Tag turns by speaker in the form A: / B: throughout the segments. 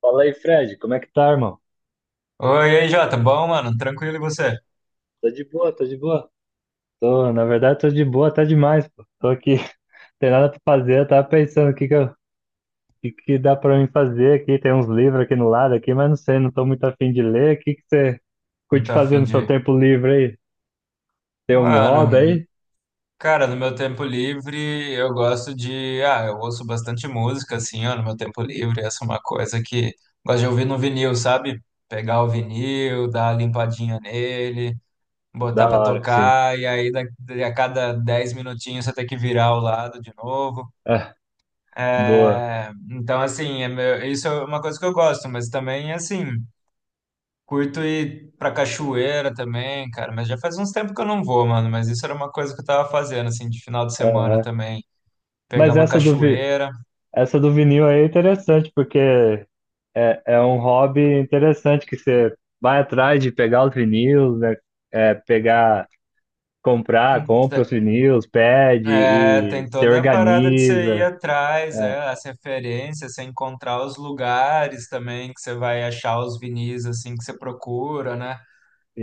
A: Fala aí, Fred, como é que tá, irmão?
B: Oi, e aí, Jota. Bom, mano? Tranquilo e você?
A: Tô de boa, tô de boa. Na verdade, tô de boa até demais, pô. Tô aqui, tem nada pra fazer, eu tava pensando o que que dá pra mim fazer aqui. Tem uns livros aqui no lado aqui, mas não sei, não tô muito afim de ler. O que que você
B: Não
A: curte
B: tá
A: fazer
B: afim
A: no seu
B: de...
A: tempo livre aí? Tem um
B: Mano,
A: hobby aí?
B: cara, no meu tempo livre eu gosto de... Ah, eu ouço bastante música, assim, ó, no meu tempo livre. Essa é uma coisa que gosto de ouvir no vinil, sabe? Pegar o vinil, dar uma limpadinha nele, botar
A: Da
B: pra
A: hora, sim.
B: tocar, e aí a cada 10 minutinhos você tem que virar o lado de novo.
A: Ah, boa.
B: É, então, assim, isso é uma coisa que eu gosto, mas também, assim... Curto ir pra cachoeira também, cara, mas já faz uns tempos que eu não vou, mano. Mas isso era uma coisa que eu tava fazendo, assim, de final de semana
A: Aham.
B: também. Pegar
A: Mas
B: uma
A: essa do, vi-
B: cachoeira.
A: essa do vinil aí é interessante, é um hobby interessante que você vai atrás de pegar os vinil, né? É, pegar. Comprar,
B: Hum, te-
A: compra os vinis, pede
B: É,
A: e
B: tem
A: se
B: toda a parada de você ir
A: organiza.
B: atrás,
A: É,
B: é, as referências, você encontrar os lugares também que você vai achar os vinis, assim, que você procura, né?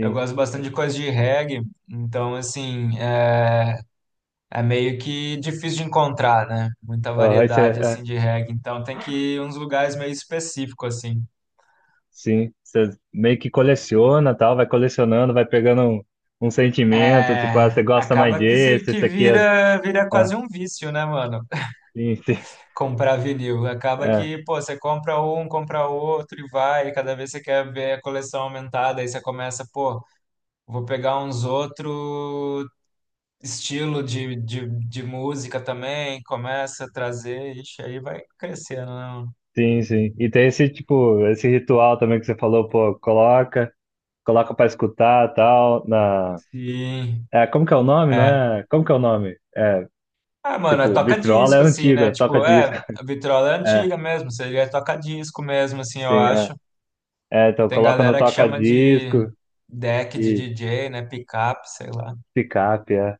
B: Eu gosto bastante de coisa de reggae, então, assim, é, meio que difícil de encontrar, né? Muita
A: Aham,
B: variedade, assim, de reggae. Então, tem que ir em uns lugares meio específicos, assim.
A: sim. Você meio que coleciona, tal, vai colecionando, vai pegando um, um sentimento, tipo, ah,
B: É,
A: você gosta mais
B: acaba que se
A: desse,
B: que
A: esse aqui é,
B: vira
A: é,
B: quase um vício, né, mano?
A: sim, sim,
B: Comprar vinil. Acaba
A: é,
B: que, pô, você compra um, compra outro e vai, e cada vez você quer ver a coleção aumentada, aí você começa, pô, vou pegar uns outro estilo de música também, começa a trazer, ixi, aí vai crescendo, né, mano?
A: sim, sim. E tem esse tipo, esse ritual também que você falou, pô, coloca, coloca pra escutar, tal, na.
B: Sim.
A: É, como que é o nome,
B: É.
A: né? Como que é o nome? É,
B: Ah, mano, é
A: tipo, vitrola é
B: toca-disco, assim, né?
A: antiga, toca
B: Tipo, é,
A: disco.
B: a vitrola é
A: É,
B: antiga mesmo, seria toca-disco mesmo, assim, eu
A: sim, é.
B: acho.
A: É, então
B: Tem
A: coloca no
B: galera que chama de
A: toca-disco
B: deck de
A: e
B: DJ, né? Pickup, sei lá.
A: picape, é.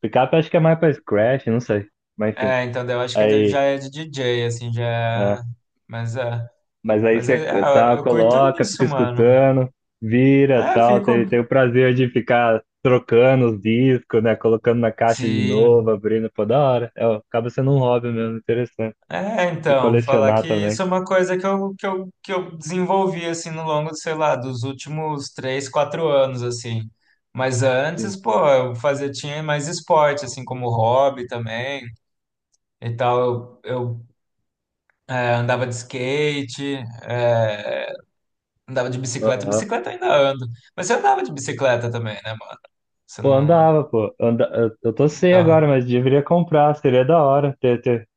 A: Picape acho que é mais pra scratch, não sei. Mas enfim,
B: É, então daí eu acho que ele já
A: aí,
B: é de DJ, assim, já é.
A: é.
B: Mas é.
A: Mas aí
B: Mas
A: você
B: é,
A: tá,
B: é, eu curto
A: coloca, fica
B: isso, mano.
A: escutando, vira,
B: É,
A: tal,
B: fico.
A: tem o prazer de ficar trocando os discos, né, colocando na caixa de novo,
B: Sim.
A: abrindo, pô, da hora. É, ó, acaba sendo um hobby mesmo, interessante
B: É,
A: de
B: então, falar
A: colecionar
B: que
A: também.
B: isso é uma coisa que eu desenvolvi, assim, no longo, sei lá, dos últimos 3, 4 anos, assim. Mas
A: Sim.
B: antes, pô, eu fazia, tinha mais esporte, assim, como hobby também e tal. Andava de skate, é, andava de bicicleta.
A: Aham.
B: Bicicleta eu ainda ando. Mas você andava de bicicleta também, né, mano? Você
A: Pô,
B: não.
A: andava, pô. Anda... Eu tô sem agora,
B: Então.
A: mas deveria comprar, seria da hora ter, ter.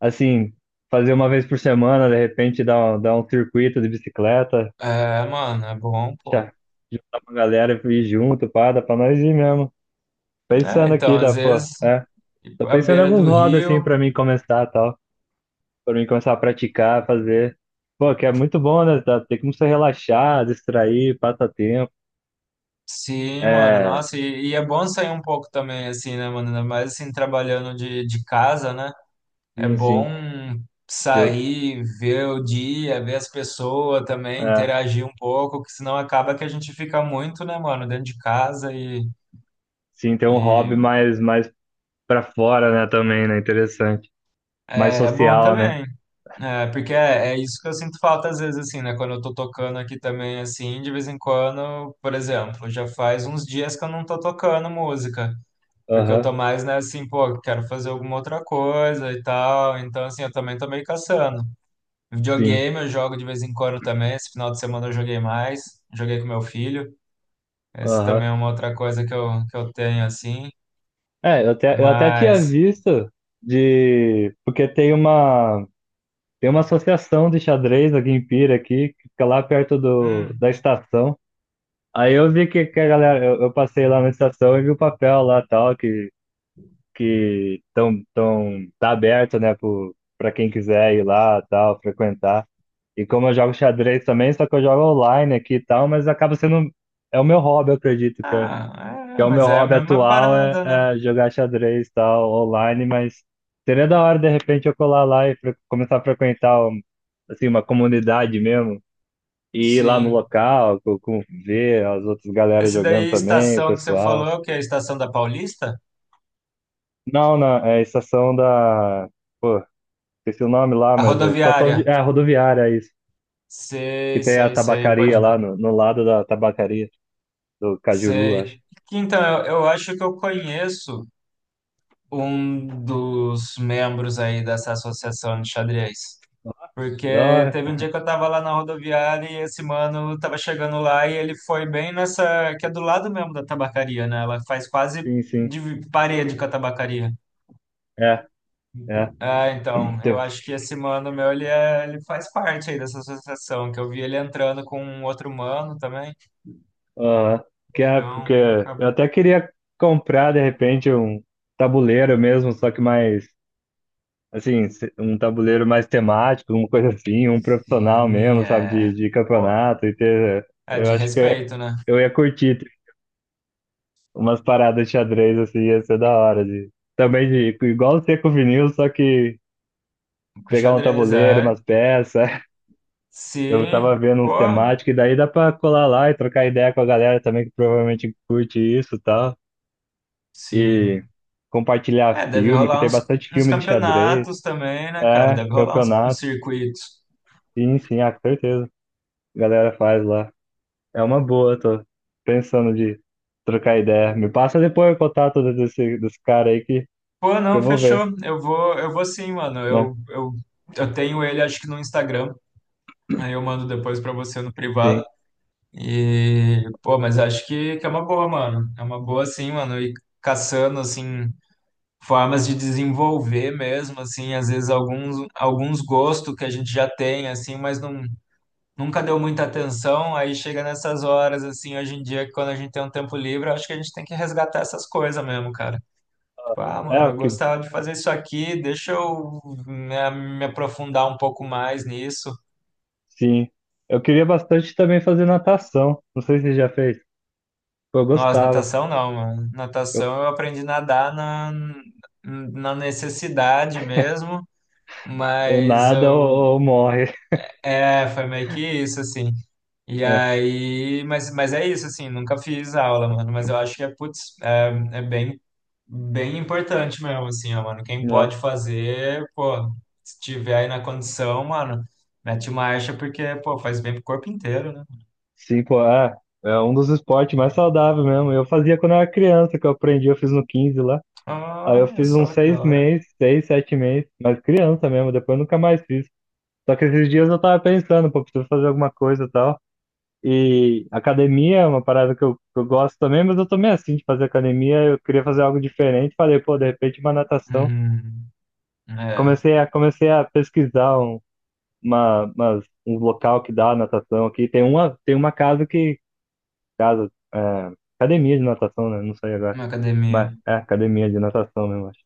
A: Assim, fazer uma vez por semana, de repente dar um circuito de bicicleta,
B: É, mano, é bom,
A: já,
B: pô.
A: juntar uma galera e ir junto, pá, dá pra nós ir mesmo.
B: É,
A: Pensando
B: então,
A: aqui, dá,
B: às
A: pô,
B: vezes,
A: é.
B: ir
A: Tô
B: à
A: pensando em
B: beira
A: alguns
B: do
A: hobbies, assim,
B: rio.
A: pra mim começar, tal. Pra mim começar a praticar, fazer. Pô, que é muito bom, né? Tá? Tem como você relaxar, distrair, passar tempo.
B: Sim, mano,
A: É,
B: nossa, e é bom sair um pouco também, assim, né, mano? Ainda mais assim, trabalhando de casa, né? É
A: sim,
B: bom
A: sim. Eu,
B: sair, ver o dia, ver as pessoas também,
A: é,
B: interagir um pouco, que senão acaba que a gente fica muito, né, mano, dentro de casa e
A: sim, tem um hobby
B: E
A: mais, mais pra fora, né, também, né? Interessante. Mais
B: é bom
A: social, né?
B: também, é, porque é isso que eu sinto falta às vezes, assim, né? Quando eu tô tocando aqui também, assim, de vez em quando, por exemplo, já faz uns dias que eu não tô tocando música, porque eu
A: Aham,
B: tô mais, né, assim, pô, quero fazer alguma outra coisa e tal, então, assim, eu também tô meio caçando.
A: sim.
B: Videogame eu jogo de vez em quando também, esse final de semana eu joguei mais, joguei com meu filho, esse também
A: Aham.
B: é uma outra coisa que eu, tenho, assim,
A: É, eu até tinha
B: mas...
A: visto de. Porque tem uma associação de xadrez aqui em Pira, aqui, que fica lá perto do,
B: hum,
A: da estação. Aí eu vi que a galera. Eu passei lá na estação e vi o papel lá tal, que, tá aberto, né, pro, pra quem quiser ir lá tal, frequentar. E como eu jogo xadrez também, só que eu jogo online aqui e tal, mas acaba sendo. É o meu hobby, eu acredito,
B: ah,
A: que
B: é,
A: é o meu
B: mas é a
A: hobby
B: mesma
A: atual é,
B: parada, né?
A: é jogar xadrez e tal, online, mas seria da hora de repente eu colar lá e começar a frequentar um- assim, uma comunidade mesmo. E ir lá no
B: Sim.
A: local, ver as outras galera
B: Esse
A: jogando
B: daí,
A: também, o
B: estação que você falou,
A: pessoal.
B: é o que é a estação da Paulista?
A: Não, não, é a estação da. Pô, esqueci o nome lá,
B: A
A: mas é estação de.
B: rodoviária.
A: É a rodoviária, é isso. Que
B: Sei,
A: tem a
B: sei, sei,
A: tabacaria
B: pode.
A: lá no, no lado da tabacaria, do Cajuru, acho.
B: Sei. Então, eu acho que eu conheço um dos membros aí dessa associação de xadrez.
A: Da
B: Porque
A: hora.
B: teve um dia que eu tava lá na rodoviária e esse mano tava chegando lá e ele foi bem nessa, que é do lado mesmo da tabacaria, né? Ela faz quase
A: Sim, sim.
B: de parede com a tabacaria.
A: É, é.
B: Ah, então, eu
A: Tem.
B: acho que esse mano meu, ele faz parte aí dessa associação, que eu vi ele entrando com um outro mano também,
A: Aham. Que é porque
B: então
A: eu
B: acabou.
A: até queria comprar de repente um tabuleiro mesmo, só que mais assim, um tabuleiro mais temático, uma coisa assim, um profissional
B: Sim,
A: mesmo, sabe,
B: é,
A: de
B: pô,
A: campeonato e ter.
B: é
A: Eu
B: de
A: acho que
B: respeito, né?
A: eu ia curtir ter umas paradas de xadrez assim, ia ser da hora de também de igual ser com o vinil, só que
B: Com o
A: pegar um
B: xadrez,
A: tabuleiro,
B: é,
A: umas peças. Eu tava
B: sim,
A: vendo
B: pô,
A: uns temáticos e daí dá pra colar lá e trocar ideia com a galera também que provavelmente curte isso, e tal. E
B: sim.
A: compartilhar
B: É, deve
A: filme, que
B: rolar
A: tem
B: uns,
A: bastante
B: uns,
A: filme de xadrez,
B: campeonatos também, né, cara?
A: é,
B: Deve rolar uns
A: campeonato,
B: circuitos.
A: sim, sim, ah, com certeza, a galera faz lá. É uma boa, tô pensando de trocar ideia. Me passa depois o contato desse, desse cara aí
B: Pô,
A: que eu
B: não,
A: vou ver,
B: fechou, eu vou sim, mano,
A: né?
B: eu tenho ele, acho que no Instagram, aí eu mando depois pra você no privado.
A: Sim.
B: E, pô, mas acho que é uma boa, mano. É uma boa, assim, mano. E caçando, assim, formas de desenvolver mesmo, assim, às vezes alguns gostos que a gente já tem, assim, mas não, nunca deu muita atenção. Aí chega nessas horas, assim, hoje em dia, que quando a gente tem um tempo livre, eu acho que a gente tem que resgatar essas coisas mesmo, cara. Tipo, ah,
A: É,
B: mano,
A: o
B: eu
A: que,
B: gostava de fazer isso aqui, deixa eu me aprofundar um pouco mais nisso.
A: sim. Eu queria bastante também fazer natação. Não sei se você já fez. Pô, eu
B: Nossa,
A: gostava.
B: natação não, mano.
A: Eu,
B: Natação eu aprendi a nadar na necessidade mesmo,
A: ou
B: mas
A: nada ou, ou morre.
B: foi meio que isso, assim. E
A: É,
B: aí, mas é isso, assim, nunca fiz aula, mano, mas eu acho que é, putz, é bem, bem importante mesmo, assim, ó, mano. Quem
A: né?
B: pode fazer, pô, se tiver aí na condição, mano, mete marcha, porque, pô, faz bem pro corpo inteiro, né?
A: Cinco, é, é um dos esportes mais saudáveis mesmo. Eu fazia quando eu era criança, que eu aprendi, eu fiz no 15 lá. Aí eu
B: Olha
A: fiz uns
B: só que
A: seis
B: da hora.
A: meses, seis, sete meses, mas criança mesmo, depois eu nunca mais fiz. Só que esses dias eu tava pensando, pô, preciso fazer alguma coisa e tal. E academia é uma parada que eu gosto também, mas eu tô meio assim de fazer academia, eu queria fazer algo diferente. Falei, pô, de repente uma natação.
B: Hum, É,
A: Comecei a pesquisar um, uma, umas, um local que dá natação aqui. Tem uma casa que casa, é, academia de natação, né? Não sei agora.
B: uma
A: Mas
B: academia.
A: é academia de natação mesmo, acho.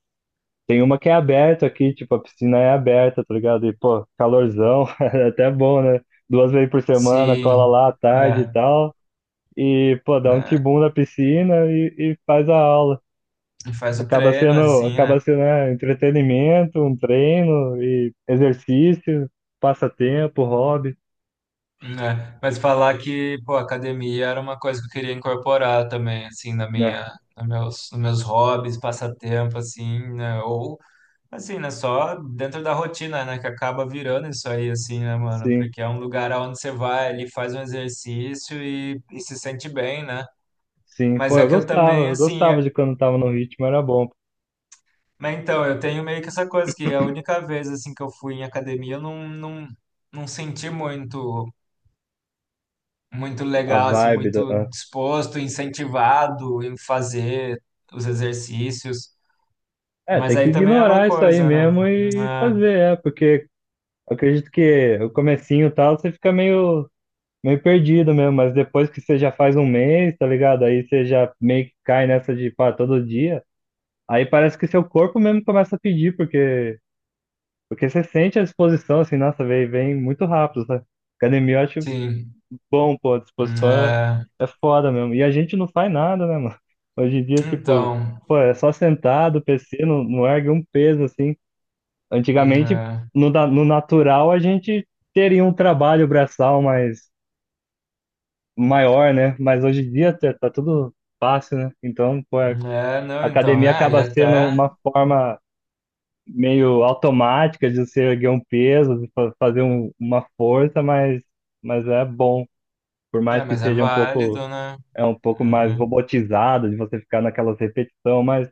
A: Tem uma que é aberta aqui, tipo, a piscina é aberta, tá ligado? E, pô, calorzão, é até bom, né? Duas vezes por semana, cola
B: Se
A: lá à tarde e
B: é,
A: tal. E, pô, dá um
B: né,
A: tibum na piscina e faz a aula.
B: e faz o treino assim, né?
A: Acaba sendo, né, entretenimento, um treino, e exercício, passatempo, hobby.
B: Né? Mas falar que, pô, academia era uma coisa que eu queria incorporar também, assim, na
A: É,
B: minha, nos meus hobbies, passatempo, assim, né? Ou assim, né? Só dentro da rotina, né? Que acaba virando isso aí, assim, né, mano?
A: sim,
B: Porque é um lugar onde você vai ali, faz um exercício e se sente bem, né?
A: sim.
B: Mas
A: Pô,
B: é que eu também,
A: eu
B: assim,
A: gostava de quando tava no ritmo, era bom.
B: mas então, eu tenho meio que essa coisa que a única vez assim que eu fui em academia eu não, não, não senti muito muito
A: A
B: legal assim,
A: vibe da.
B: muito disposto, incentivado em fazer os exercícios.
A: É,
B: Mas
A: tem que
B: aí também é uma
A: ignorar isso aí
B: coisa, né?
A: mesmo e
B: Ah,
A: fazer, é, porque eu acredito que o comecinho e tal, você fica meio, meio perdido mesmo, mas depois que você já faz um mês, tá ligado? Aí você já meio que cai nessa de, pá, todo dia, aí parece que seu corpo mesmo começa a pedir, porque, porque você sente a disposição, assim, nossa, vem, vem muito rápido, sabe? Academia eu acho
B: sim.
A: bom, pô, a disposição é,
B: Ah,
A: é foda mesmo. E a gente não faz nada, né, mano? Hoje em dia, tipo,
B: então,
A: pô, é só sentado, PC, não, não ergue um peso, assim. Antigamente,
B: ah,
A: no natural, a gente teria um trabalho braçal mais maior, né? Mas hoje em dia tá, tá tudo fácil, né? Então, pô,
B: é,
A: a
B: é, não, então,
A: academia
B: é, e
A: acaba sendo
B: até,
A: uma forma meio automática de você erguer um peso, de fazer uma força, mas é bom. Por mais
B: é,
A: que
B: mas é
A: seja um pouco
B: válido, né?
A: é um pouco mais
B: Hum.
A: robotizado, de você ficar naquelas repetição, mas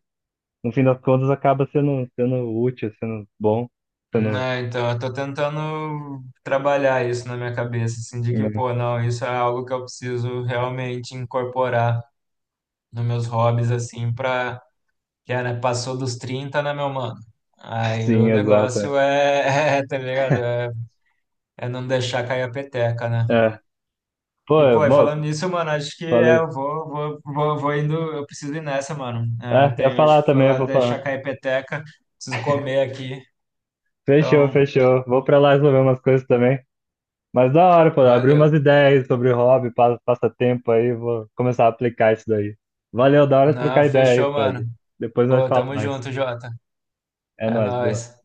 A: no fim das contas acaba sendo, sendo útil, sendo bom, sendo,
B: Não, então, eu tô tentando trabalhar isso na minha cabeça, assim, de que,
A: né?
B: pô, não, isso é algo que eu preciso realmente incorporar nos meus hobbies, assim, pra, que é, né, passou dos 30, né, meu mano? Aí o
A: Sim, exato. É.
B: negócio é, é, tá ligado? É não deixar cair a peteca, né?
A: É. Pô,
B: E, pô, e
A: bom,
B: falando nisso, mano, acho que é,
A: falei.
B: eu vou indo, eu preciso ir nessa, mano. É,
A: É, ia
B: tenho, acho
A: falar
B: que
A: também, eu
B: falar,
A: vou falar.
B: deixar cair a peteca, preciso comer aqui,
A: Fechou,
B: então,
A: fechou. Vou pra lá resolver umas coisas também. Mas da hora, pô, abriu
B: valeu.
A: umas ideias sobre hobby, passatempo aí, vou começar a aplicar isso daí. Valeu, da hora
B: Não,
A: trocar ideia aí,
B: fechou, mano.
A: Fred. Depois nós
B: Ô,
A: falamos
B: tamo
A: mais.
B: junto, Jota.
A: É
B: É
A: nóis, boa.
B: nóis.